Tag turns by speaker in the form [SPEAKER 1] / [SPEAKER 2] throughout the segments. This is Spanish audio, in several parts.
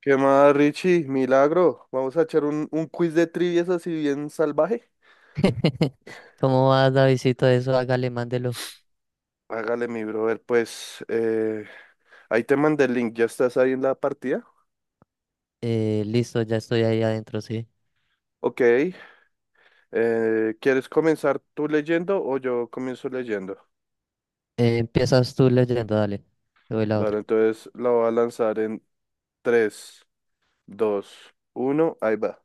[SPEAKER 1] ¿Qué más, Richie? Milagro. Vamos a echar un quiz de trivias así bien salvaje.
[SPEAKER 2] ¿Cómo vas, Davidito? Eso, hágale, mándelo.
[SPEAKER 1] Hágale, mi brother, pues ahí te mandé el link. ¿Ya estás ahí en la partida?
[SPEAKER 2] Listo, ya estoy ahí adentro, sí.
[SPEAKER 1] Ok. ¿Quieres comenzar tú leyendo o yo comienzo leyendo?
[SPEAKER 2] Empiezas tú leyendo, dale. Te doy la
[SPEAKER 1] Vale,
[SPEAKER 2] otra.
[SPEAKER 1] entonces la voy a lanzar en tres, dos, uno. Ahí va.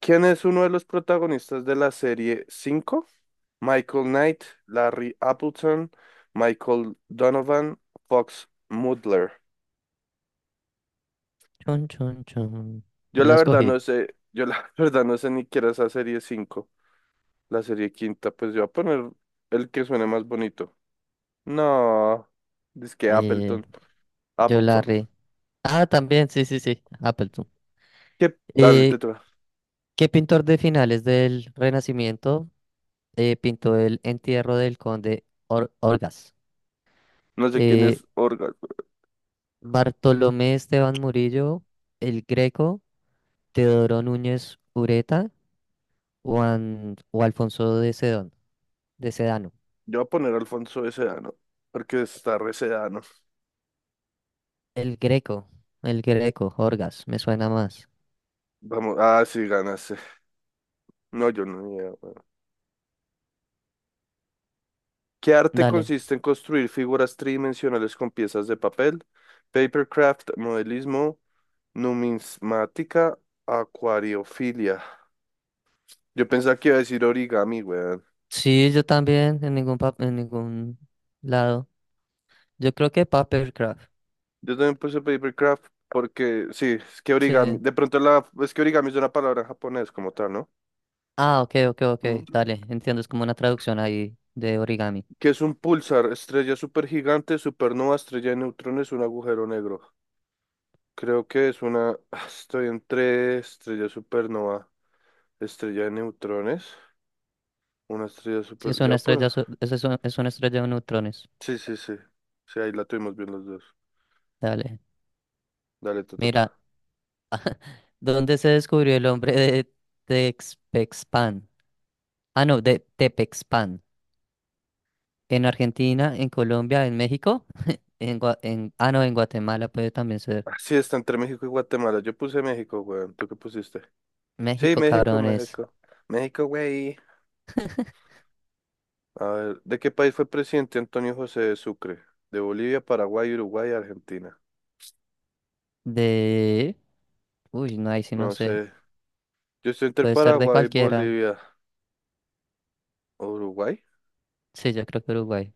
[SPEAKER 1] ¿Quién es uno de los protagonistas de la serie 5? Michael Knight, Larry Appleton, Michael Donovan, Fox Mudler.
[SPEAKER 2] Chon, chon, chon.
[SPEAKER 1] Yo
[SPEAKER 2] Yo
[SPEAKER 1] la
[SPEAKER 2] ya
[SPEAKER 1] verdad
[SPEAKER 2] escogí.
[SPEAKER 1] no sé, yo la verdad no sé ni qué era esa serie cinco, la serie quinta. Pues yo voy a poner el que suene más bonito. No, dice que
[SPEAKER 2] Eh,
[SPEAKER 1] Appleton,
[SPEAKER 2] yo la
[SPEAKER 1] Appleton.
[SPEAKER 2] re. Ah, también, sí, sí, sí. Appleton.
[SPEAKER 1] ¿Qué? Dale,
[SPEAKER 2] Eh,
[SPEAKER 1] te toca.
[SPEAKER 2] ¿Qué pintor de finales del Renacimiento pintó el entierro del conde Orgaz?
[SPEAKER 1] No sé quién es
[SPEAKER 2] Eh,
[SPEAKER 1] Orga.
[SPEAKER 2] Bartolomé Esteban Murillo, el Greco. Teodoro Núñez Ureta o, o Alfonso de Sedón, de Sedano.
[SPEAKER 1] Yo voy a poner Alfonso de Sedano, porque está re Sedano.
[SPEAKER 2] El Greco, el Greco, Orgas, me suena más.
[SPEAKER 1] Vamos, ah, sí, ganaste. No, yo no. Ni idea, weón. ¿Qué arte
[SPEAKER 2] Dale.
[SPEAKER 1] consiste en construir figuras tridimensionales con piezas de papel? Papercraft, modelismo, numismática, acuariofilia. Yo pensaba que iba a decir origami, weón.
[SPEAKER 2] Sí, yo también, en en ningún lado. Yo creo que Papercraft.
[SPEAKER 1] Yo también puse papercraft porque, sí, es que origami,
[SPEAKER 2] Sí.
[SPEAKER 1] de pronto es que origami es una palabra en japonés como tal, ¿no?
[SPEAKER 2] Ah, ok, ok, ok.
[SPEAKER 1] Mm.
[SPEAKER 2] Dale, entiendo, es como una traducción ahí de origami.
[SPEAKER 1] Que es un pulsar, estrella supergigante, supernova, estrella de neutrones, un agujero negro. Creo que es una, estoy entre estrella supernova, estrella de neutrones, una estrella
[SPEAKER 2] Sí, es
[SPEAKER 1] super,
[SPEAKER 2] una
[SPEAKER 1] ya
[SPEAKER 2] estrella,
[SPEAKER 1] por,
[SPEAKER 2] es una estrella de neutrones.
[SPEAKER 1] sí, sí, sí, sí, ahí la tuvimos bien los dos.
[SPEAKER 2] Dale.
[SPEAKER 1] Dale, te
[SPEAKER 2] Mira,
[SPEAKER 1] toca.
[SPEAKER 2] ¿dónde se descubrió el hombre de Texpexpan? Ah, no, de Tepexpan. En Argentina, en Colombia, en México, en, Gua- en ah no, en Guatemala puede también ser.
[SPEAKER 1] Ah, sí, está entre México y Guatemala. Yo puse México, weón. ¿Tú qué pusiste? Sí,
[SPEAKER 2] México,
[SPEAKER 1] México,
[SPEAKER 2] cabrones.
[SPEAKER 1] México. México, güey. A ver, ¿de qué país fue presidente Antonio José de Sucre? De Bolivia, Paraguay, Uruguay, Argentina.
[SPEAKER 2] De uy, no, ahí sí no
[SPEAKER 1] No
[SPEAKER 2] sé.
[SPEAKER 1] sé. Yo estoy entre
[SPEAKER 2] Puede ser de
[SPEAKER 1] Paraguay,
[SPEAKER 2] cualquiera.
[SPEAKER 1] Bolivia. ¿O Uruguay?
[SPEAKER 2] Sí, yo creo que Uruguay.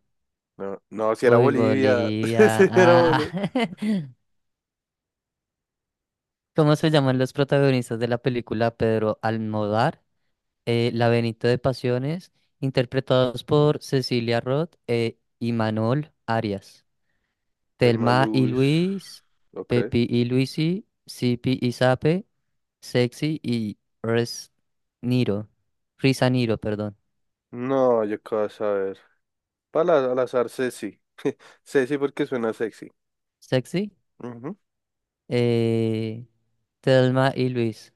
[SPEAKER 1] No, no, si era
[SPEAKER 2] Uy,
[SPEAKER 1] Bolivia.
[SPEAKER 2] Bolivia.
[SPEAKER 1] Si era
[SPEAKER 2] Ah.
[SPEAKER 1] Bolivia.
[SPEAKER 2] ¿Cómo se llaman los protagonistas de la película Pedro Almodóvar? La Benito de Pasiones, interpretados por Cecilia Roth e Imanol Arias.
[SPEAKER 1] El
[SPEAKER 2] Telma y
[SPEAKER 1] Malus.
[SPEAKER 2] Luis,
[SPEAKER 1] Ok.
[SPEAKER 2] Pepi y Luisi, Sipi y Sape, Sexy y Res Niro. Risa Niro, perdón.
[SPEAKER 1] No, yo qué vas a ver. Para al azar, Ceci. Ceci porque suena sexy.
[SPEAKER 2] Sexy.
[SPEAKER 1] Ujú.
[SPEAKER 2] Eh, Thelma y Luis.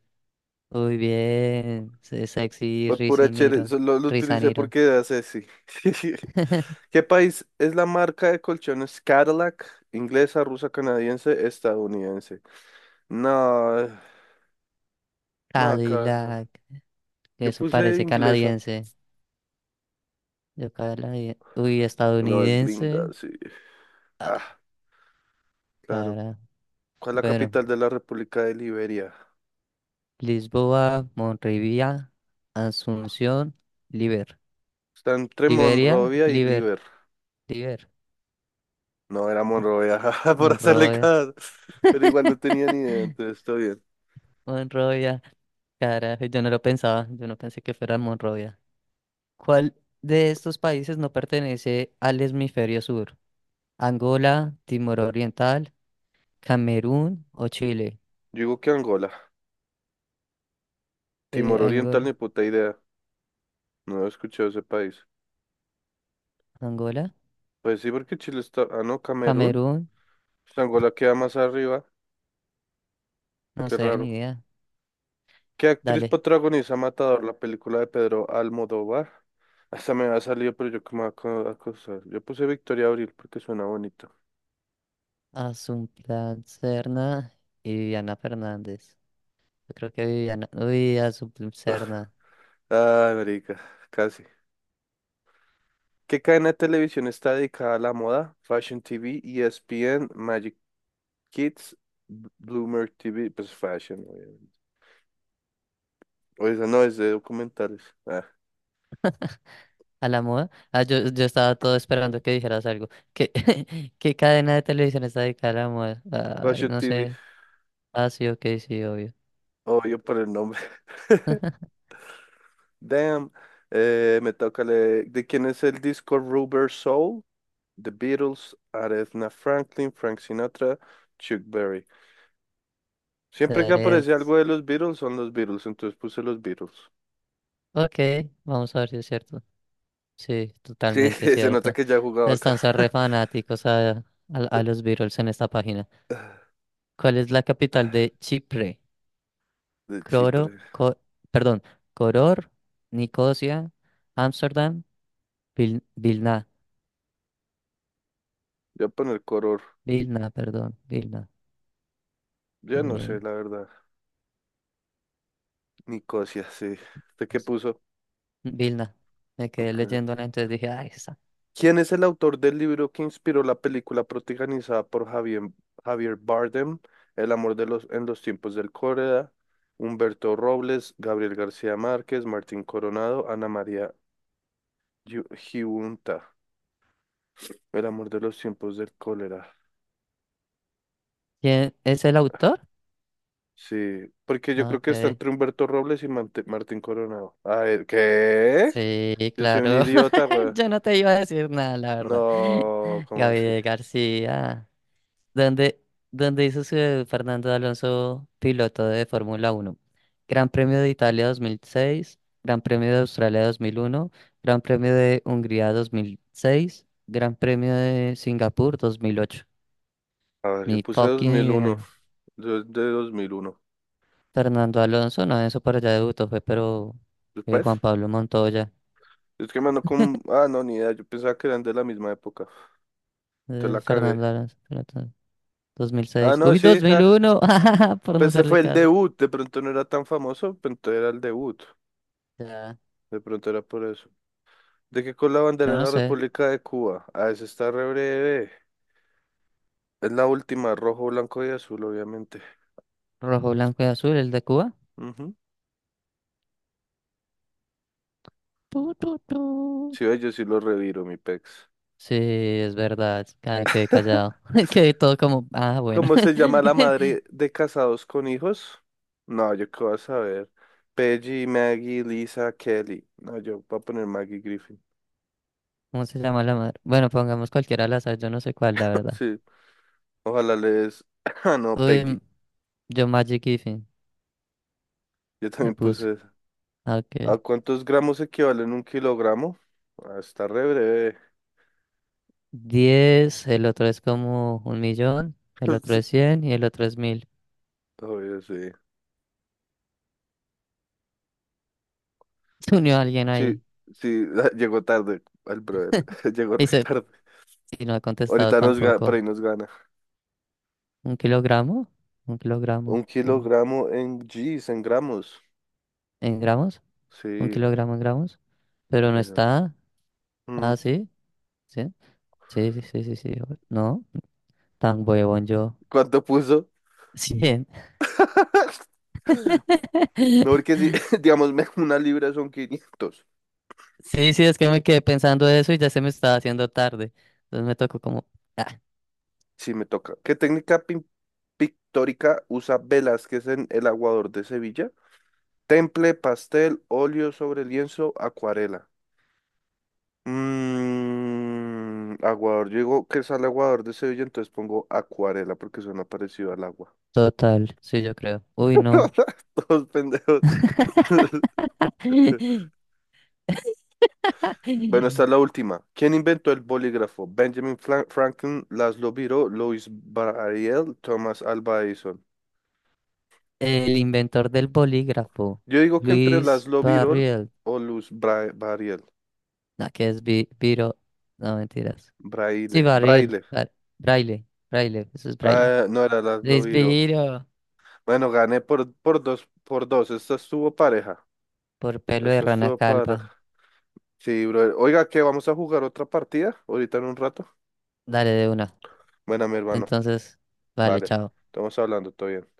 [SPEAKER 2] Muy bien. Sexy
[SPEAKER 1] Pues por
[SPEAKER 2] Risa
[SPEAKER 1] pura chere,
[SPEAKER 2] Niro.
[SPEAKER 1] eso lo
[SPEAKER 2] Risa
[SPEAKER 1] utilicé
[SPEAKER 2] Niro.
[SPEAKER 1] porque era sexy. ¿Qué país es la marca de colchones Cadillac? Inglesa, rusa, canadiense, estadounidense. No, no, acá.
[SPEAKER 2] Cadillac.
[SPEAKER 1] Yo
[SPEAKER 2] Eso
[SPEAKER 1] puse
[SPEAKER 2] parece
[SPEAKER 1] inglesa.
[SPEAKER 2] canadiense. Uy,
[SPEAKER 1] No, es gringa,
[SPEAKER 2] estadounidense.
[SPEAKER 1] sí. Ah,
[SPEAKER 2] Ah,
[SPEAKER 1] claro.
[SPEAKER 2] cara.
[SPEAKER 1] ¿Cuál es la
[SPEAKER 2] Bueno.
[SPEAKER 1] capital de la República de Liberia?
[SPEAKER 2] Lisboa, Monrovia, Asunción, Liber.
[SPEAKER 1] Está entre
[SPEAKER 2] Liberia,
[SPEAKER 1] Monrovia y
[SPEAKER 2] Liber.
[SPEAKER 1] Liber.
[SPEAKER 2] Liber.
[SPEAKER 1] No, era Monrovia, por hacerle
[SPEAKER 2] Monrovia.
[SPEAKER 1] caso. Pero igual no tenía ni idea, entonces está bien.
[SPEAKER 2] Monrovia, carajo, yo no lo pensaba, yo no pensé que fuera Monrovia. ¿Cuál de estos países no pertenece al hemisferio sur? ¿Angola, Timor Oriental, Camerún o Chile?
[SPEAKER 1] Yo digo que Angola. Timor Oriental, ni
[SPEAKER 2] Angola,
[SPEAKER 1] puta idea. No he escuchado ese país.
[SPEAKER 2] Angola,
[SPEAKER 1] Pues sí, porque Chile está... Ah, no, Camerún.
[SPEAKER 2] Camerún,
[SPEAKER 1] Pues Angola queda más arriba.
[SPEAKER 2] no
[SPEAKER 1] Qué
[SPEAKER 2] sé, ni
[SPEAKER 1] raro.
[SPEAKER 2] idea.
[SPEAKER 1] ¿Qué actriz
[SPEAKER 2] Dale,
[SPEAKER 1] protagoniza Matador, la película de Pedro Almodóvar? Hasta me ha salido, pero yo como acosar. Yo puse Victoria Abril porque suena bonito.
[SPEAKER 2] Asunción Serna y Viviana Fernández. Yo creo que Viviana, uy, Asunción Serna.
[SPEAKER 1] Ay, marica, casi. ¿Qué cadena de televisión está dedicada a la moda? Fashion TV, ESPN, Magic Kids, Bloomer TV. Pues Fashion, obviamente. O esa no es de documentales. Ah,
[SPEAKER 2] A la moda. Ah, yo estaba todo esperando que dijeras algo. ¿Qué, qué cadena de televisión está dedicada a la moda? Ay,
[SPEAKER 1] Fashion
[SPEAKER 2] no
[SPEAKER 1] TV,
[SPEAKER 2] sé. Ah, sí, ok, sí, obvio.
[SPEAKER 1] obvio por el nombre. Damn. Me toca ¿de quién es el disco Rubber Soul? The Beatles, Aretha Franklin, Frank Sinatra, Chuck Berry. Siempre que aparece
[SPEAKER 2] Darets.
[SPEAKER 1] algo de los Beatles son los Beatles, entonces puse los Beatles.
[SPEAKER 2] Ok, vamos a ver si es cierto. Sí,
[SPEAKER 1] Sí,
[SPEAKER 2] totalmente
[SPEAKER 1] se nota
[SPEAKER 2] cierto.
[SPEAKER 1] que ya jugaba acá.
[SPEAKER 2] Están ser re fanáticos a los Beatles en esta página. ¿Cuál es la capital de Chipre?
[SPEAKER 1] De
[SPEAKER 2] Coro,
[SPEAKER 1] Chipre.
[SPEAKER 2] co- perdón, Coror, Nicosia, Ámsterdam, Vilna.
[SPEAKER 1] Voy a poner color.
[SPEAKER 2] Vilna, perdón, Vilna.
[SPEAKER 1] Yo no
[SPEAKER 2] Eh,
[SPEAKER 1] sé, la verdad. Nicosia, sí. ¿Usted qué puso?
[SPEAKER 2] Vilna. Me quedé
[SPEAKER 1] Ok.
[SPEAKER 2] leyendo, ¿no? Entonces dije, ah, esa.
[SPEAKER 1] ¿Quién es el autor del libro que inspiró la película protagonizada por Javier Bardem, El amor de los, en los tiempos del cólera? Humberto Robles, Gabriel García Márquez, Martín Coronado, Ana María Giunta. El amor de los tiempos del cólera.
[SPEAKER 2] ¿Quién es el autor?
[SPEAKER 1] Sí, porque yo
[SPEAKER 2] No,
[SPEAKER 1] creo
[SPEAKER 2] ok.
[SPEAKER 1] que está entre Humberto Robles y Martín Coronado. A ver, ¿qué?
[SPEAKER 2] Sí,
[SPEAKER 1] Yo soy un
[SPEAKER 2] claro.
[SPEAKER 1] idiota, güey.
[SPEAKER 2] Yo no te iba a decir nada, la verdad.
[SPEAKER 1] No, ¿cómo así?
[SPEAKER 2] Gabriel García. ¿Dónde, ¿Dónde hizo su debut Fernando Alonso, piloto de Fórmula Uno? Gran Premio de Italia 2006, Gran Premio de Australia 2001, Gran Premio de Hungría 2006, Gran Premio de Singapur 2008.
[SPEAKER 1] A ver, yo
[SPEAKER 2] Ni
[SPEAKER 1] puse
[SPEAKER 2] fucking
[SPEAKER 1] 2001.
[SPEAKER 2] idea.
[SPEAKER 1] Yo de 2001.
[SPEAKER 2] Fernando Alonso, no, eso para allá debutó, fue, pero Juan
[SPEAKER 1] ¿Después?
[SPEAKER 2] Pablo Montoya.
[SPEAKER 1] Es que, mano, como... Ah, no, ni idea. Yo pensaba que eran de la misma época. Entonces la cagué.
[SPEAKER 2] Fernando Alonso, espérate,
[SPEAKER 1] Ah,
[SPEAKER 2] 2006.
[SPEAKER 1] no,
[SPEAKER 2] Uy,
[SPEAKER 1] sí, ja.
[SPEAKER 2] 2001, por no
[SPEAKER 1] Pues ese
[SPEAKER 2] hacerle
[SPEAKER 1] fue el
[SPEAKER 2] caso.
[SPEAKER 1] debut. De pronto no era tan famoso, pero entonces era el debut.
[SPEAKER 2] Ya,
[SPEAKER 1] De pronto era por eso. ¿De qué color la bandera
[SPEAKER 2] yo
[SPEAKER 1] de
[SPEAKER 2] no
[SPEAKER 1] la
[SPEAKER 2] sé.
[SPEAKER 1] República de Cuba? Ah, esa está re breve. Es la última, rojo, blanco y azul, obviamente.
[SPEAKER 2] Rojo, blanco y azul, el de Cuba.
[SPEAKER 1] Ujú.
[SPEAKER 2] Tu, tu, tu.
[SPEAKER 1] Sí, ve, yo sí lo reviro, mi pex.
[SPEAKER 2] Sí, es verdad. Quedé callado. Quedé todo como, ah, bueno.
[SPEAKER 1] ¿Cómo se llama la madre de casados con hijos? No, yo qué voy a saber. Peggy, Maggie, Lisa, Kelly. No, yo voy a poner Maggie Griffin.
[SPEAKER 2] ¿Cómo se llama la madre? Bueno, pongamos cualquiera al azar, yo no sé cuál, la verdad.
[SPEAKER 1] Sí. Ojalá les... Ah, no,
[SPEAKER 2] Uy,
[SPEAKER 1] Peggy.
[SPEAKER 2] yo Magic Kiffin
[SPEAKER 1] Yo
[SPEAKER 2] le
[SPEAKER 1] también
[SPEAKER 2] puse.
[SPEAKER 1] puse esa.
[SPEAKER 2] Ah, ok.
[SPEAKER 1] ¿A cuántos gramos equivalen un kilogramo? Ah, está re breve.
[SPEAKER 2] Diez el otro, es como un millón, el otro
[SPEAKER 1] Sí,
[SPEAKER 2] es 100 y el otro es mil.
[SPEAKER 1] obvio, sí.
[SPEAKER 2] Se unió alguien ahí.
[SPEAKER 1] Sí, sí, llegó tarde el brother. Llegó
[SPEAKER 2] Y,
[SPEAKER 1] re
[SPEAKER 2] se-
[SPEAKER 1] tarde.
[SPEAKER 2] y no ha contestado
[SPEAKER 1] Ahorita nos gana, por
[SPEAKER 2] tampoco.
[SPEAKER 1] ahí nos gana.
[SPEAKER 2] ¿Un kilogramo? Un kilogramo
[SPEAKER 1] Un kilogramo en Gs, en gramos.
[SPEAKER 2] ¿en gramos? ¿Un
[SPEAKER 1] Sí.
[SPEAKER 2] kilogramo en gramos? Pero no
[SPEAKER 1] Esa.
[SPEAKER 2] está.
[SPEAKER 1] Mm,
[SPEAKER 2] Ah, sí. Sí, sí, sí, sí, sí, sí. No, tan huevón yo.
[SPEAKER 1] ¿cuánto puso?
[SPEAKER 2] 100.
[SPEAKER 1] No, porque si, digamos, una libra son 500.
[SPEAKER 2] Sí, sí, es que me quedé pensando eso y ya se me estaba haciendo tarde. Entonces me tocó como... ah,
[SPEAKER 1] Sí, me toca. ¿Qué técnica pictórica usa Velázquez en El aguador de Sevilla? Temple, pastel, óleo sobre lienzo, acuarela. Mm, aguador, yo digo que sale aguador de Sevilla, entonces pongo acuarela porque suena parecido al agua.
[SPEAKER 2] total, sí, yo creo. Uy, no.
[SPEAKER 1] Todos pendejos. Bueno, esta es la última. ¿Quién inventó el bolígrafo? Benjamin Franklin, Laszlo Birol, Louis Braille, Thomas Alva Edison.
[SPEAKER 2] El inventor del bolígrafo,
[SPEAKER 1] Yo digo que entre
[SPEAKER 2] Luis
[SPEAKER 1] Laszlo Birol
[SPEAKER 2] Barriel.
[SPEAKER 1] o Louis Braille.
[SPEAKER 2] No, que es Biro. No, mentiras. Sí,
[SPEAKER 1] Braille.
[SPEAKER 2] Barriel.
[SPEAKER 1] Braille.
[SPEAKER 2] Braille. Braille. Eso es Braille.
[SPEAKER 1] Ah, no era Laszlo
[SPEAKER 2] Luis
[SPEAKER 1] Birol.
[SPEAKER 2] Biro.
[SPEAKER 1] Bueno, gané por, dos, por dos. Esta estuvo pareja.
[SPEAKER 2] Por pelo de
[SPEAKER 1] Esta
[SPEAKER 2] rana
[SPEAKER 1] estuvo pareja.
[SPEAKER 2] calva.
[SPEAKER 1] Sí, brother. Oiga, ¿qué? ¿Vamos a jugar otra partida? Ahorita en un rato.
[SPEAKER 2] Dale de una.
[SPEAKER 1] Bueno, mi hermano.
[SPEAKER 2] Entonces, vale,
[SPEAKER 1] Vale.
[SPEAKER 2] chao.
[SPEAKER 1] Estamos hablando todavía.